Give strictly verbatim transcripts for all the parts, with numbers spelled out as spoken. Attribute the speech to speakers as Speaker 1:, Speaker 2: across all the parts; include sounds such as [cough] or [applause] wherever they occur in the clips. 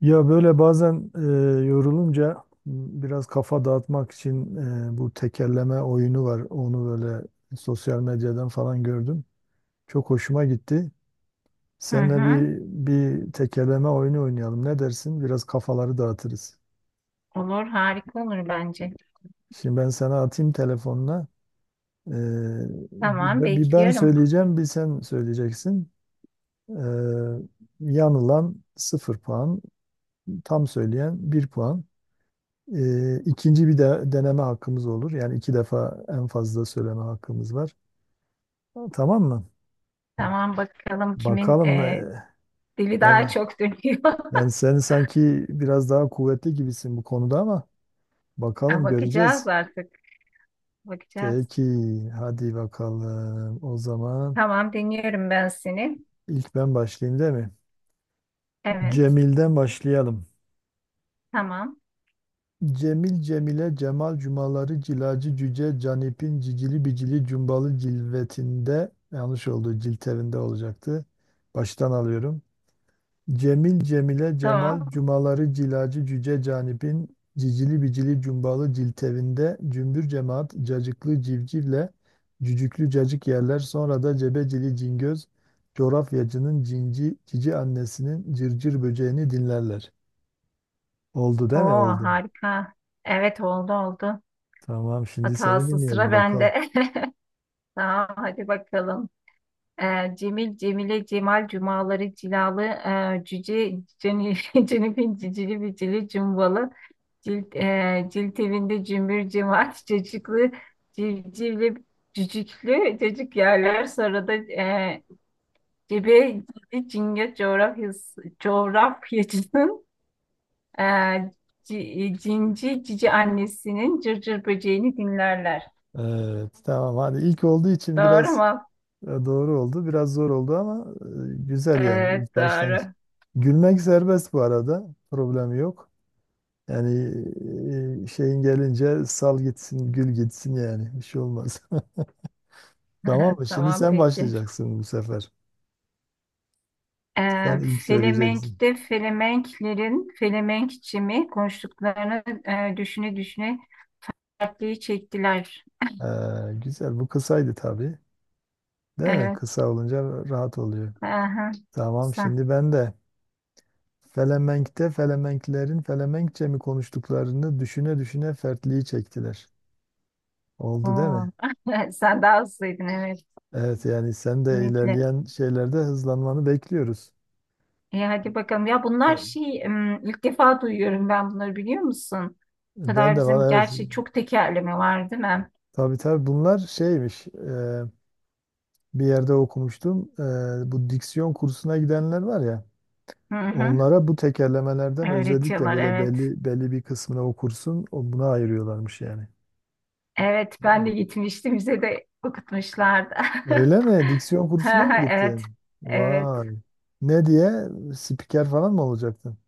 Speaker 1: Ya böyle bazen e, yorulunca m, biraz kafa dağıtmak için e, bu tekerleme oyunu var. Onu böyle sosyal medyadan falan gördüm. Çok hoşuma gitti.
Speaker 2: Hı
Speaker 1: Seninle
Speaker 2: hı.
Speaker 1: bir bir tekerleme oyunu oynayalım. Ne dersin? Biraz kafaları dağıtırız.
Speaker 2: Olur, harika olur bence.
Speaker 1: Şimdi ben sana atayım telefonuna. E,
Speaker 2: Tamam,
Speaker 1: bir bir ben
Speaker 2: bekliyorum.
Speaker 1: söyleyeceğim, bir sen söyleyeceksin. E, Yanılan sıfır puan, tam söyleyen bir puan. E, ikinci bir de deneme hakkımız olur. Yani iki defa en fazla söyleme hakkımız var. Tamam mı?
Speaker 2: Tamam, bakalım kimin
Speaker 1: Bakalım.
Speaker 2: e,
Speaker 1: e,
Speaker 2: dili daha
Speaker 1: Yani
Speaker 2: çok dönüyor.
Speaker 1: yani
Speaker 2: [laughs]
Speaker 1: sen sanki biraz daha kuvvetli gibisin bu konuda ama
Speaker 2: Ha,
Speaker 1: bakalım
Speaker 2: Bakacağız
Speaker 1: göreceğiz.
Speaker 2: artık, bakacağız.
Speaker 1: Peki, hadi bakalım. O zaman
Speaker 2: Tamam, dinliyorum ben seni.
Speaker 1: ilk ben başlayayım değil mi?
Speaker 2: Evet,
Speaker 1: Cemil'den başlayalım.
Speaker 2: tamam,
Speaker 1: Cemil Cemile Cemal Cumaları Cilacı Cüce Canip'in Cicili Bicili Cumbalı Cilvetinde yanlış oldu, ciltevinde olacaktı. Baştan alıyorum. Cemil Cemile
Speaker 2: tamam.
Speaker 1: Cemal Cumaları Cilacı Cüce Canip'in Cicili Bicili Cumbalı Ciltevinde Cümbür Cemaat Cacıklı Civcivle Cücüklü Cacık yerler, sonra da Cebecili Cingöz coğrafyacının cinci cici annesinin cırcır böceğini dinlerler. Oldu değil mi?
Speaker 2: Oo,
Speaker 1: Oldu.
Speaker 2: harika. Evet, oldu oldu.
Speaker 1: Tamam, şimdi seni
Speaker 2: Hatası sıra
Speaker 1: dinleyelim bakalım.
Speaker 2: bende. [laughs] Tamam, hadi bakalım. E, Cemil, Cemile, Cemal, Cumaları, Cilalı, e, Cüce, Ceni, [laughs] Cenifin, Cicili, Bicili, Cumbalı. Cilt, e, cilt evinde cümbür cemaat [laughs] cacıklı civcivli cücüklü cacık yerler, sonra da e, cebe cildi cinge coğrafyası, coğrafyacının e, ci- cinci cici annesinin cırcır böceğini dinlerler.
Speaker 1: Evet tamam, hadi ilk olduğu için
Speaker 2: Doğru
Speaker 1: biraz.
Speaker 2: mu?
Speaker 1: Ya doğru oldu. Biraz zor oldu ama e, güzel, yani
Speaker 2: Evet,
Speaker 1: ilk başlangıç.
Speaker 2: doğru.
Speaker 1: Gülmek serbest bu arada. Problem yok. Yani e, e, şeyin gelince sal gitsin, gül gitsin yani. Bir şey olmaz. [laughs] Tamam
Speaker 2: [laughs]
Speaker 1: mı? Şimdi
Speaker 2: Tamam,
Speaker 1: sen
Speaker 2: peki.
Speaker 1: başlayacaksın bu sefer.
Speaker 2: E,
Speaker 1: Sen ilk söyleyeceksin.
Speaker 2: Felemenk'te Felemenklerin Felemenkçimi konuştuklarını e, düşüne düşüne dertliği çektiler.
Speaker 1: Ee, güzel. Bu kısaydı tabii. Değil mi?
Speaker 2: Evet.
Speaker 1: Kısa olunca rahat oluyor.
Speaker 2: Aha,
Speaker 1: Tamam.
Speaker 2: sen.
Speaker 1: Şimdi ben de Felemenk'te Felemenklerin Felemenkçe mi konuştuklarını düşüne düşüne fertliği çektiler. Oldu değil mi?
Speaker 2: Oo. [laughs] Sen daha hızlıydın, evet,
Speaker 1: Evet, yani sen de
Speaker 2: kesinlikle.
Speaker 1: ilerleyen şeylerde hızlanmanı bekliyoruz.
Speaker 2: E, hadi bakalım. Ya bunlar şey, em, ilk defa duyuyorum ben bunları, biliyor musun? Bu
Speaker 1: Ben
Speaker 2: kadar
Speaker 1: de
Speaker 2: bizim
Speaker 1: valla evet,
Speaker 2: gerçi çok tekerleme var, değil mi?
Speaker 1: tabii tabii bunlar şeymiş, e, bir yerde okumuştum. E, bu diksiyon kursuna gidenler var ya,
Speaker 2: Hı hı.
Speaker 1: onlara bu tekerlemelerden özellikle
Speaker 2: Öğretiyorlar,
Speaker 1: böyle
Speaker 2: evet.
Speaker 1: belli belli bir kısmını o kursun o buna ayırıyorlarmış yani.
Speaker 2: Evet, ben de gitmiştim, bize de okutmuşlardı.
Speaker 1: Öyle mi? Diksiyon kursuna mı
Speaker 2: [laughs] Evet.
Speaker 1: gittin?
Speaker 2: Evet.
Speaker 1: Vay. Ne diye? Spiker falan mı olacaktın?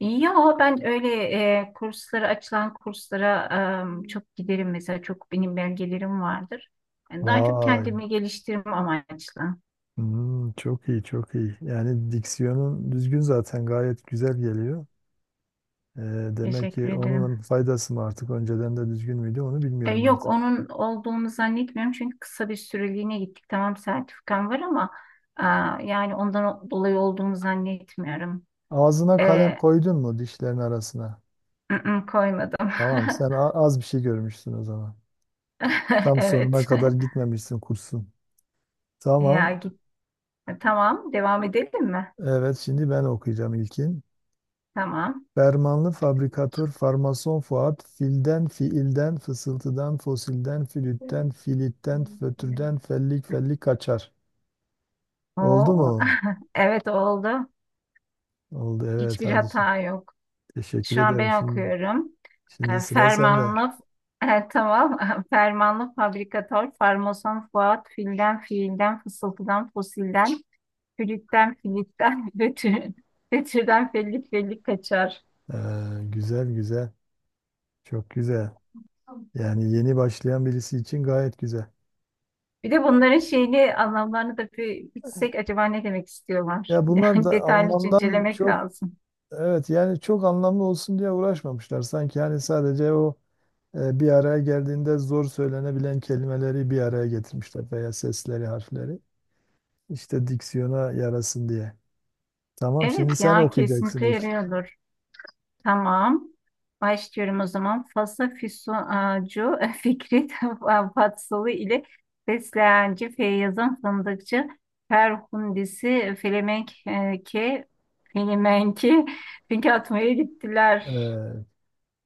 Speaker 2: Ya ben öyle e, kurslara, açılan kurslara e, çok giderim mesela, çok benim belgelerim vardır. Yani daha çok
Speaker 1: Vay.
Speaker 2: kendimi geliştirme amaçlı.
Speaker 1: Hmm, çok iyi, çok iyi. Yani diksiyonun düzgün, zaten gayet güzel geliyor. Ee, demek
Speaker 2: Teşekkür
Speaker 1: ki
Speaker 2: ederim.
Speaker 1: onun faydası mı, artık önceden de düzgün müydü onu
Speaker 2: E,
Speaker 1: bilmiyorum
Speaker 2: yok,
Speaker 1: artık.
Speaker 2: onun olduğunu zannetmiyorum, çünkü kısa bir süreliğine gittik. Tamam, sertifikam var, ama a, yani ondan o- dolayı olduğunu zannetmiyorum.
Speaker 1: Ağzına kalem
Speaker 2: E,
Speaker 1: koydun mu dişlerin arasına?
Speaker 2: ı-ı, koymadım.
Speaker 1: Tamam,
Speaker 2: [laughs]
Speaker 1: sen a- az bir şey görmüşsün o zaman. Tam
Speaker 2: Evet.
Speaker 1: sonuna kadar
Speaker 2: [laughs]
Speaker 1: gitmemişsin kursun.
Speaker 2: Ya
Speaker 1: Tamam.
Speaker 2: git. Tamam, devam edelim mi?
Speaker 1: Evet, şimdi ben okuyacağım ilkin.
Speaker 2: Tamam.
Speaker 1: Fermanlı fabrikatör farmason Fuat filden fiilden fısıltıdan fosilden flütten filitten fötürden fellik fellik kaçar. Oldu
Speaker 2: Oo,
Speaker 1: mu?
Speaker 2: [laughs] evet, oldu.
Speaker 1: Oldu, evet,
Speaker 2: Hiçbir
Speaker 1: hadi şimdi.
Speaker 2: hata yok.
Speaker 1: Teşekkür
Speaker 2: Şu an
Speaker 1: ederim.
Speaker 2: ben
Speaker 1: Şimdi,
Speaker 2: okuyorum.
Speaker 1: şimdi
Speaker 2: E,
Speaker 1: sıra sende.
Speaker 2: Fermanlı e, tamam. [laughs] Fermanlı fabrikatör, farmason Fuat, filden fiilden, fısıltıdan fosilden, flütten filitten, [laughs] fötür, fötürden fellik fellik kaçar.
Speaker 1: Ee, güzel güzel. Çok güzel. Yani yeni başlayan birisi için gayet güzel.
Speaker 2: Bir de bunların şeyini, anlamlarını da bir bitsek, acaba ne demek istiyorlar?
Speaker 1: Ya
Speaker 2: [laughs]
Speaker 1: bunlar
Speaker 2: Yani
Speaker 1: da
Speaker 2: detaylıca
Speaker 1: anlamdan
Speaker 2: incelemek
Speaker 1: çok,
Speaker 2: lazım.
Speaker 1: evet yani çok anlamlı olsun diye uğraşmamışlar. Sanki yani sadece o e, bir araya geldiğinde zor söylenebilen kelimeleri bir araya getirmişler veya sesleri, harfleri. İşte diksiyona yarasın diye. Tamam, şimdi
Speaker 2: Evet
Speaker 1: sen
Speaker 2: ya,
Speaker 1: okuyacaksın
Speaker 2: kesinlikle
Speaker 1: ilk.
Speaker 2: yarıyordur. Tamam. Başlıyorum o zaman. Fasa Füsuncu [laughs] Fikret [laughs] Fatsalı ile Fesleğenci Feyyaz'ın Fındıkçı Ferhundisi Felemenk e, ke Felemenki Finke atmaya gittiler.
Speaker 1: Evet.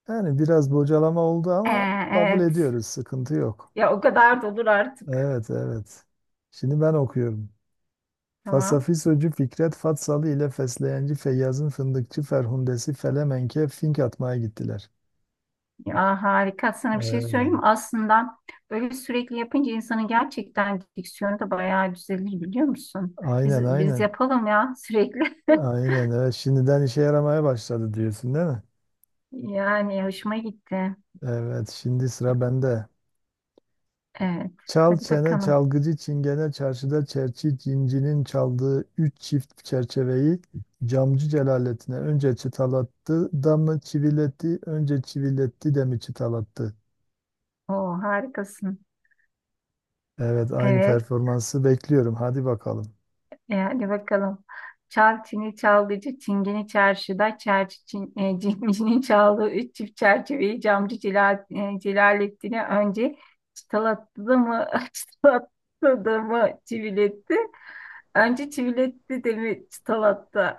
Speaker 1: Yani biraz bocalama oldu
Speaker 2: E,
Speaker 1: ama kabul
Speaker 2: evet.
Speaker 1: ediyoruz. Sıkıntı yok.
Speaker 2: Ya, o kadar da olur artık.
Speaker 1: Evet, evet. Şimdi ben okuyorum.
Speaker 2: Tamam.
Speaker 1: Fasafisocu Fikret Fatsalı ile Fesleyenci Feyyaz'ın fındıkçı Ferhundesi Felemenk'e fink atmaya gittiler.
Speaker 2: Ya, harika. Sana bir şey
Speaker 1: Evet.
Speaker 2: söyleyeyim mi? Aslında böyle sürekli yapınca insanın gerçekten diksiyonu da bayağı düzelir, biliyor musun?
Speaker 1: Aynen,
Speaker 2: Biz, biz
Speaker 1: aynen.
Speaker 2: yapalım ya sürekli. [laughs]
Speaker 1: Aynen, evet. Şimdiden işe yaramaya başladı diyorsun değil mi?
Speaker 2: Yani hoşuma gitti.
Speaker 1: Evet, şimdi sıra bende.
Speaker 2: Evet.
Speaker 1: Çal
Speaker 2: Hadi
Speaker 1: çene
Speaker 2: bakalım.
Speaker 1: çalgıcı çingene çarşıda çerçi cincinin çaldığı üç çift çerçeveyi camcı Celalettin'e önce çıtalattı da mı çiviletti, önce çiviletti de mi çıtalattı?
Speaker 2: Oo, harikasın.
Speaker 1: Evet, aynı
Speaker 2: Evet.
Speaker 1: performansı bekliyorum, hadi bakalım.
Speaker 2: E, hadi bakalım. Çal çini çalgıcı çingeni çarşıda çerçi çin, e, [laughs] cincinin çaldığı üç çift çerçeveyi camcı Celal, e, Celalettin'e önce çıtalattı mı [laughs] çıtalattı da mı çiviletti? Önce çiviletti de mi çıtalattı?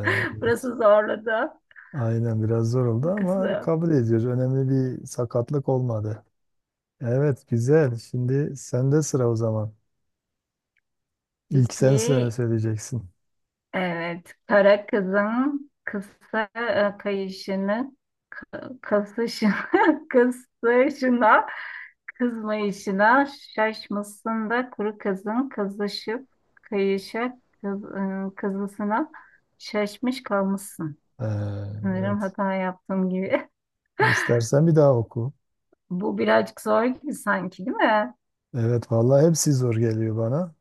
Speaker 2: [laughs] Burası zorladı.
Speaker 1: Aynen, biraz zor oldu
Speaker 2: Bu
Speaker 1: ama
Speaker 2: kızı.
Speaker 1: kabul ediyoruz. Önemli bir sakatlık olmadı. Evet, güzel. Şimdi sende sıra o zaman. İlk sen
Speaker 2: Peki.
Speaker 1: sene söyleyeceksin.
Speaker 2: Evet, kara kızın kısa e, kayışını, kasışını, [laughs] kısışına, kızmayışına şaşmışsın da kuru kızın kızışıp kayışa kız, e, kızısına şaşmış kalmışsın. Sanırım
Speaker 1: Evet.
Speaker 2: hata yaptığım gibi.
Speaker 1: İstersen bir daha oku.
Speaker 2: [laughs] Bu birazcık zor gibi sanki, değil mi?
Speaker 1: Evet vallahi hepsi zor geliyor bana.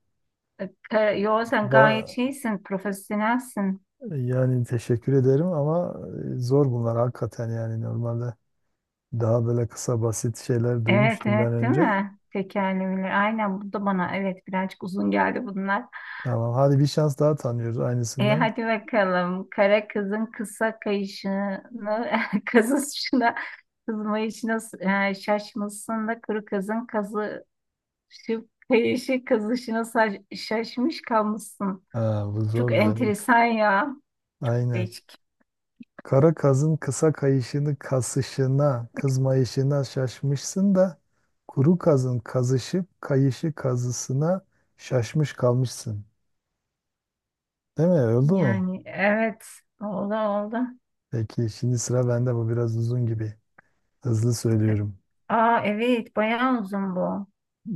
Speaker 2: E, ka- Yo, sen gayet
Speaker 1: Ba-
Speaker 2: şeysin, profesyonelsin.
Speaker 1: yani teşekkür ederim ama e, zor bunlar hakikaten, yani normalde daha böyle kısa basit şeyler
Speaker 2: Evet,
Speaker 1: duymuştum ben
Speaker 2: evet, değil
Speaker 1: önce.
Speaker 2: mi? Tekerlemeler. Aynen, bu da bana, evet, birazcık uzun geldi bunlar.
Speaker 1: Tamam, hadi bir şans daha tanıyoruz
Speaker 2: E,
Speaker 1: aynısından.
Speaker 2: hadi bakalım. Kara kızın kısa kayışını, [laughs] kazışına, kızmayışına e, şaşmışsın da kuru kızın kazışıp kayışı kazışına sa- şaşmış kalmışsın.
Speaker 1: Ha, bu
Speaker 2: Çok
Speaker 1: zordu evet.
Speaker 2: enteresan ya.
Speaker 1: Aynen.
Speaker 2: Değişik.
Speaker 1: Kara kazın kısa kayışını kasışına, kızmayışına şaşmışsın da kuru kazın kazışıp kayışı kazısına şaşmış kalmışsın. Değil mi? Oldu mu?
Speaker 2: Yani evet. Oldu oldu.
Speaker 1: Peki, şimdi sıra bende, bu biraz uzun gibi. Hızlı söylüyorum.
Speaker 2: Aa, evet. Bayağı uzun bu.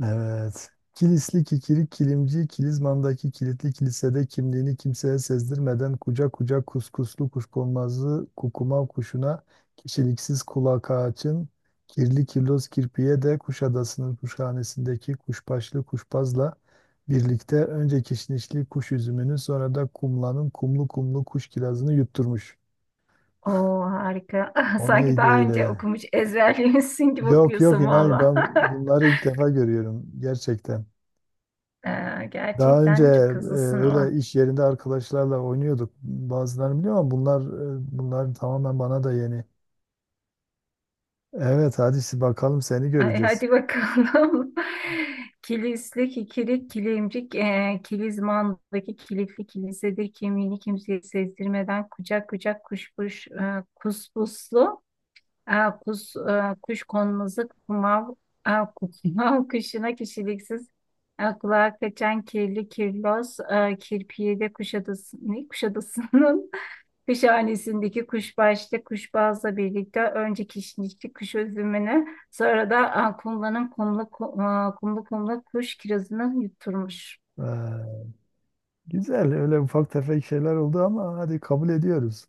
Speaker 1: Evet. Kilisli kikirik kilimci Kilizman'daki kilitli kilisede kimliğini kimseye sezdirmeden kucak kucak kuskuslu kuşkonmazlı kukuma kuşuna kişiliksiz kulak ağaçın kirli kirloz kirpiye de Kuşadası'nın kuşhanesindeki kuşbaşlı kuşbazla birlikte önce kişnişli kuş üzümünü, sonra da kumlanın kumlu kumlu kuş kirazını yutturmuş.
Speaker 2: Oo, harika. [laughs]
Speaker 1: O
Speaker 2: Sanki
Speaker 1: neydi
Speaker 2: daha
Speaker 1: öyle
Speaker 2: önce
Speaker 1: ya?
Speaker 2: okumuş, ezberlemişsin gibi
Speaker 1: Yok yok,
Speaker 2: okuyorsun
Speaker 1: inan
Speaker 2: valla.
Speaker 1: ben
Speaker 2: [laughs]
Speaker 1: bunları ilk defa görüyorum gerçekten.
Speaker 2: Ee,
Speaker 1: Daha önce e,
Speaker 2: gerçekten çok hızlısın o.
Speaker 1: öyle iş yerinde arkadaşlarla oynuyorduk. Bazılarını biliyorum ama bunlar e, bunlar tamamen bana da yeni. Evet, hadi bakalım, seni
Speaker 2: Ay,
Speaker 1: göreceğiz.
Speaker 2: hadi bakalım. [laughs] Kilisli kikirik, kilimcik, e, kilizmandaki kilitli kilisedir. Kimliğini kimseye sezdirmeden kucak kucak kuşkuş, e, kuspuslu, e, kus, e, kuş konmazı kumav, e, kumav [laughs] kuşuna, kişiliksiz, e, kulağa kaçan kirli kirlos, e, kirpiyede Kuşadası, ne? Kuşadası'nın kuşhanesindeki kuşbaşlı kuşbazla birlikte önce kişnişli kuş üzümünü, sonra da aa, kumlanın kumlu, ku- aa, kumlu kumlu kuş kirazını yutturmuş.
Speaker 1: Ee, güzel, öyle ufak tefek şeyler oldu ama hadi kabul ediyoruz.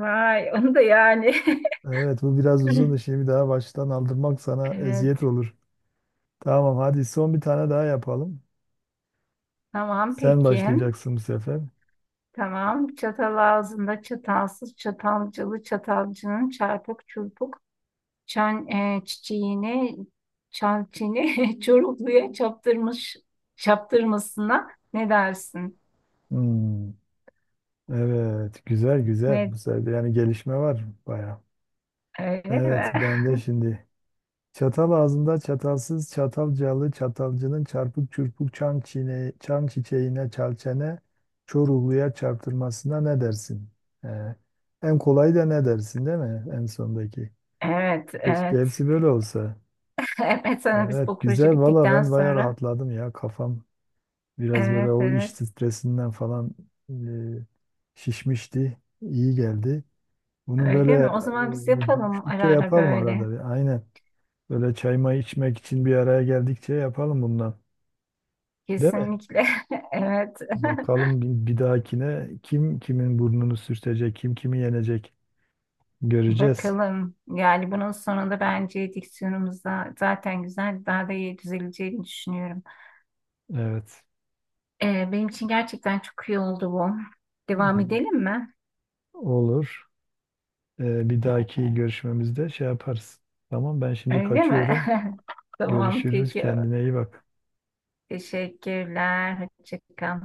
Speaker 2: Vay, [laughs] onu da yani.
Speaker 1: Evet, bu biraz uzun
Speaker 2: [laughs]
Speaker 1: şimdi, daha baştan aldırmak sana eziyet
Speaker 2: Evet,
Speaker 1: olur. Tamam, hadi son bir tane daha yapalım.
Speaker 2: tamam,
Speaker 1: Sen
Speaker 2: peki.
Speaker 1: başlayacaksın bu sefer.
Speaker 2: Tamam, çatal ağzında çatalsız çatalcılı çatalcının çarpık çurpuk çan, e, çiçeğini çançini [laughs] çorukluya çaptırmış çaptırmasına ne dersin?
Speaker 1: Hmm. Evet, güzel güzel.
Speaker 2: Ne,
Speaker 1: Bu sefer yani gelişme var baya.
Speaker 2: öyle
Speaker 1: Evet,
Speaker 2: mi?
Speaker 1: ben de şimdi. Çatal ağzında çatalsız çatalcalı çatalcının çarpık çırpık çan, çiğne, çan çiçeğine çalçene çoruluya çarptırmasına ne dersin? Ee, en kolayı da ne dersin değil mi? En sondaki.
Speaker 2: Evet,
Speaker 1: Keşke
Speaker 2: evet. [laughs]
Speaker 1: hepsi böyle olsa.
Speaker 2: Evet, sana biz bu
Speaker 1: Evet,
Speaker 2: proje
Speaker 1: güzel. Valla
Speaker 2: bittikten
Speaker 1: ben baya
Speaker 2: sonra.
Speaker 1: rahatladım ya. Kafam biraz böyle
Speaker 2: Evet,
Speaker 1: o iş
Speaker 2: evet.
Speaker 1: stresinden falan e, şişmişti. İyi geldi. Bunu
Speaker 2: Öyle
Speaker 1: böyle
Speaker 2: mi? O zaman biz
Speaker 1: e,
Speaker 2: yapalım ara
Speaker 1: düşündükçe
Speaker 2: ara
Speaker 1: yapalım
Speaker 2: böyle.
Speaker 1: arada bir. Aynen. Böyle çay may içmek için bir araya geldikçe yapalım bundan. Değil mi?
Speaker 2: Kesinlikle. [laughs] Evet. [laughs]
Speaker 1: Bakalım bir, bir dahakine kim kimin burnunu sürtecek, kim kimi yenecek göreceğiz.
Speaker 2: Bakalım. Yani bunun sonunda bence diksiyonumuz da zaten güzel, daha da iyi düzeleceğini düşünüyorum.
Speaker 1: Evet.
Speaker 2: Ee, benim için gerçekten çok iyi oldu bu. Devam edelim mi?
Speaker 1: Olur. Ee, bir dahaki görüşmemizde şey yaparız. Tamam, ben şimdi
Speaker 2: Öyle mi?
Speaker 1: kaçıyorum.
Speaker 2: [laughs] Tamam,
Speaker 1: Görüşürüz.
Speaker 2: peki.
Speaker 1: Kendine iyi bak.
Speaker 2: Teşekkürler. Hoşça kal.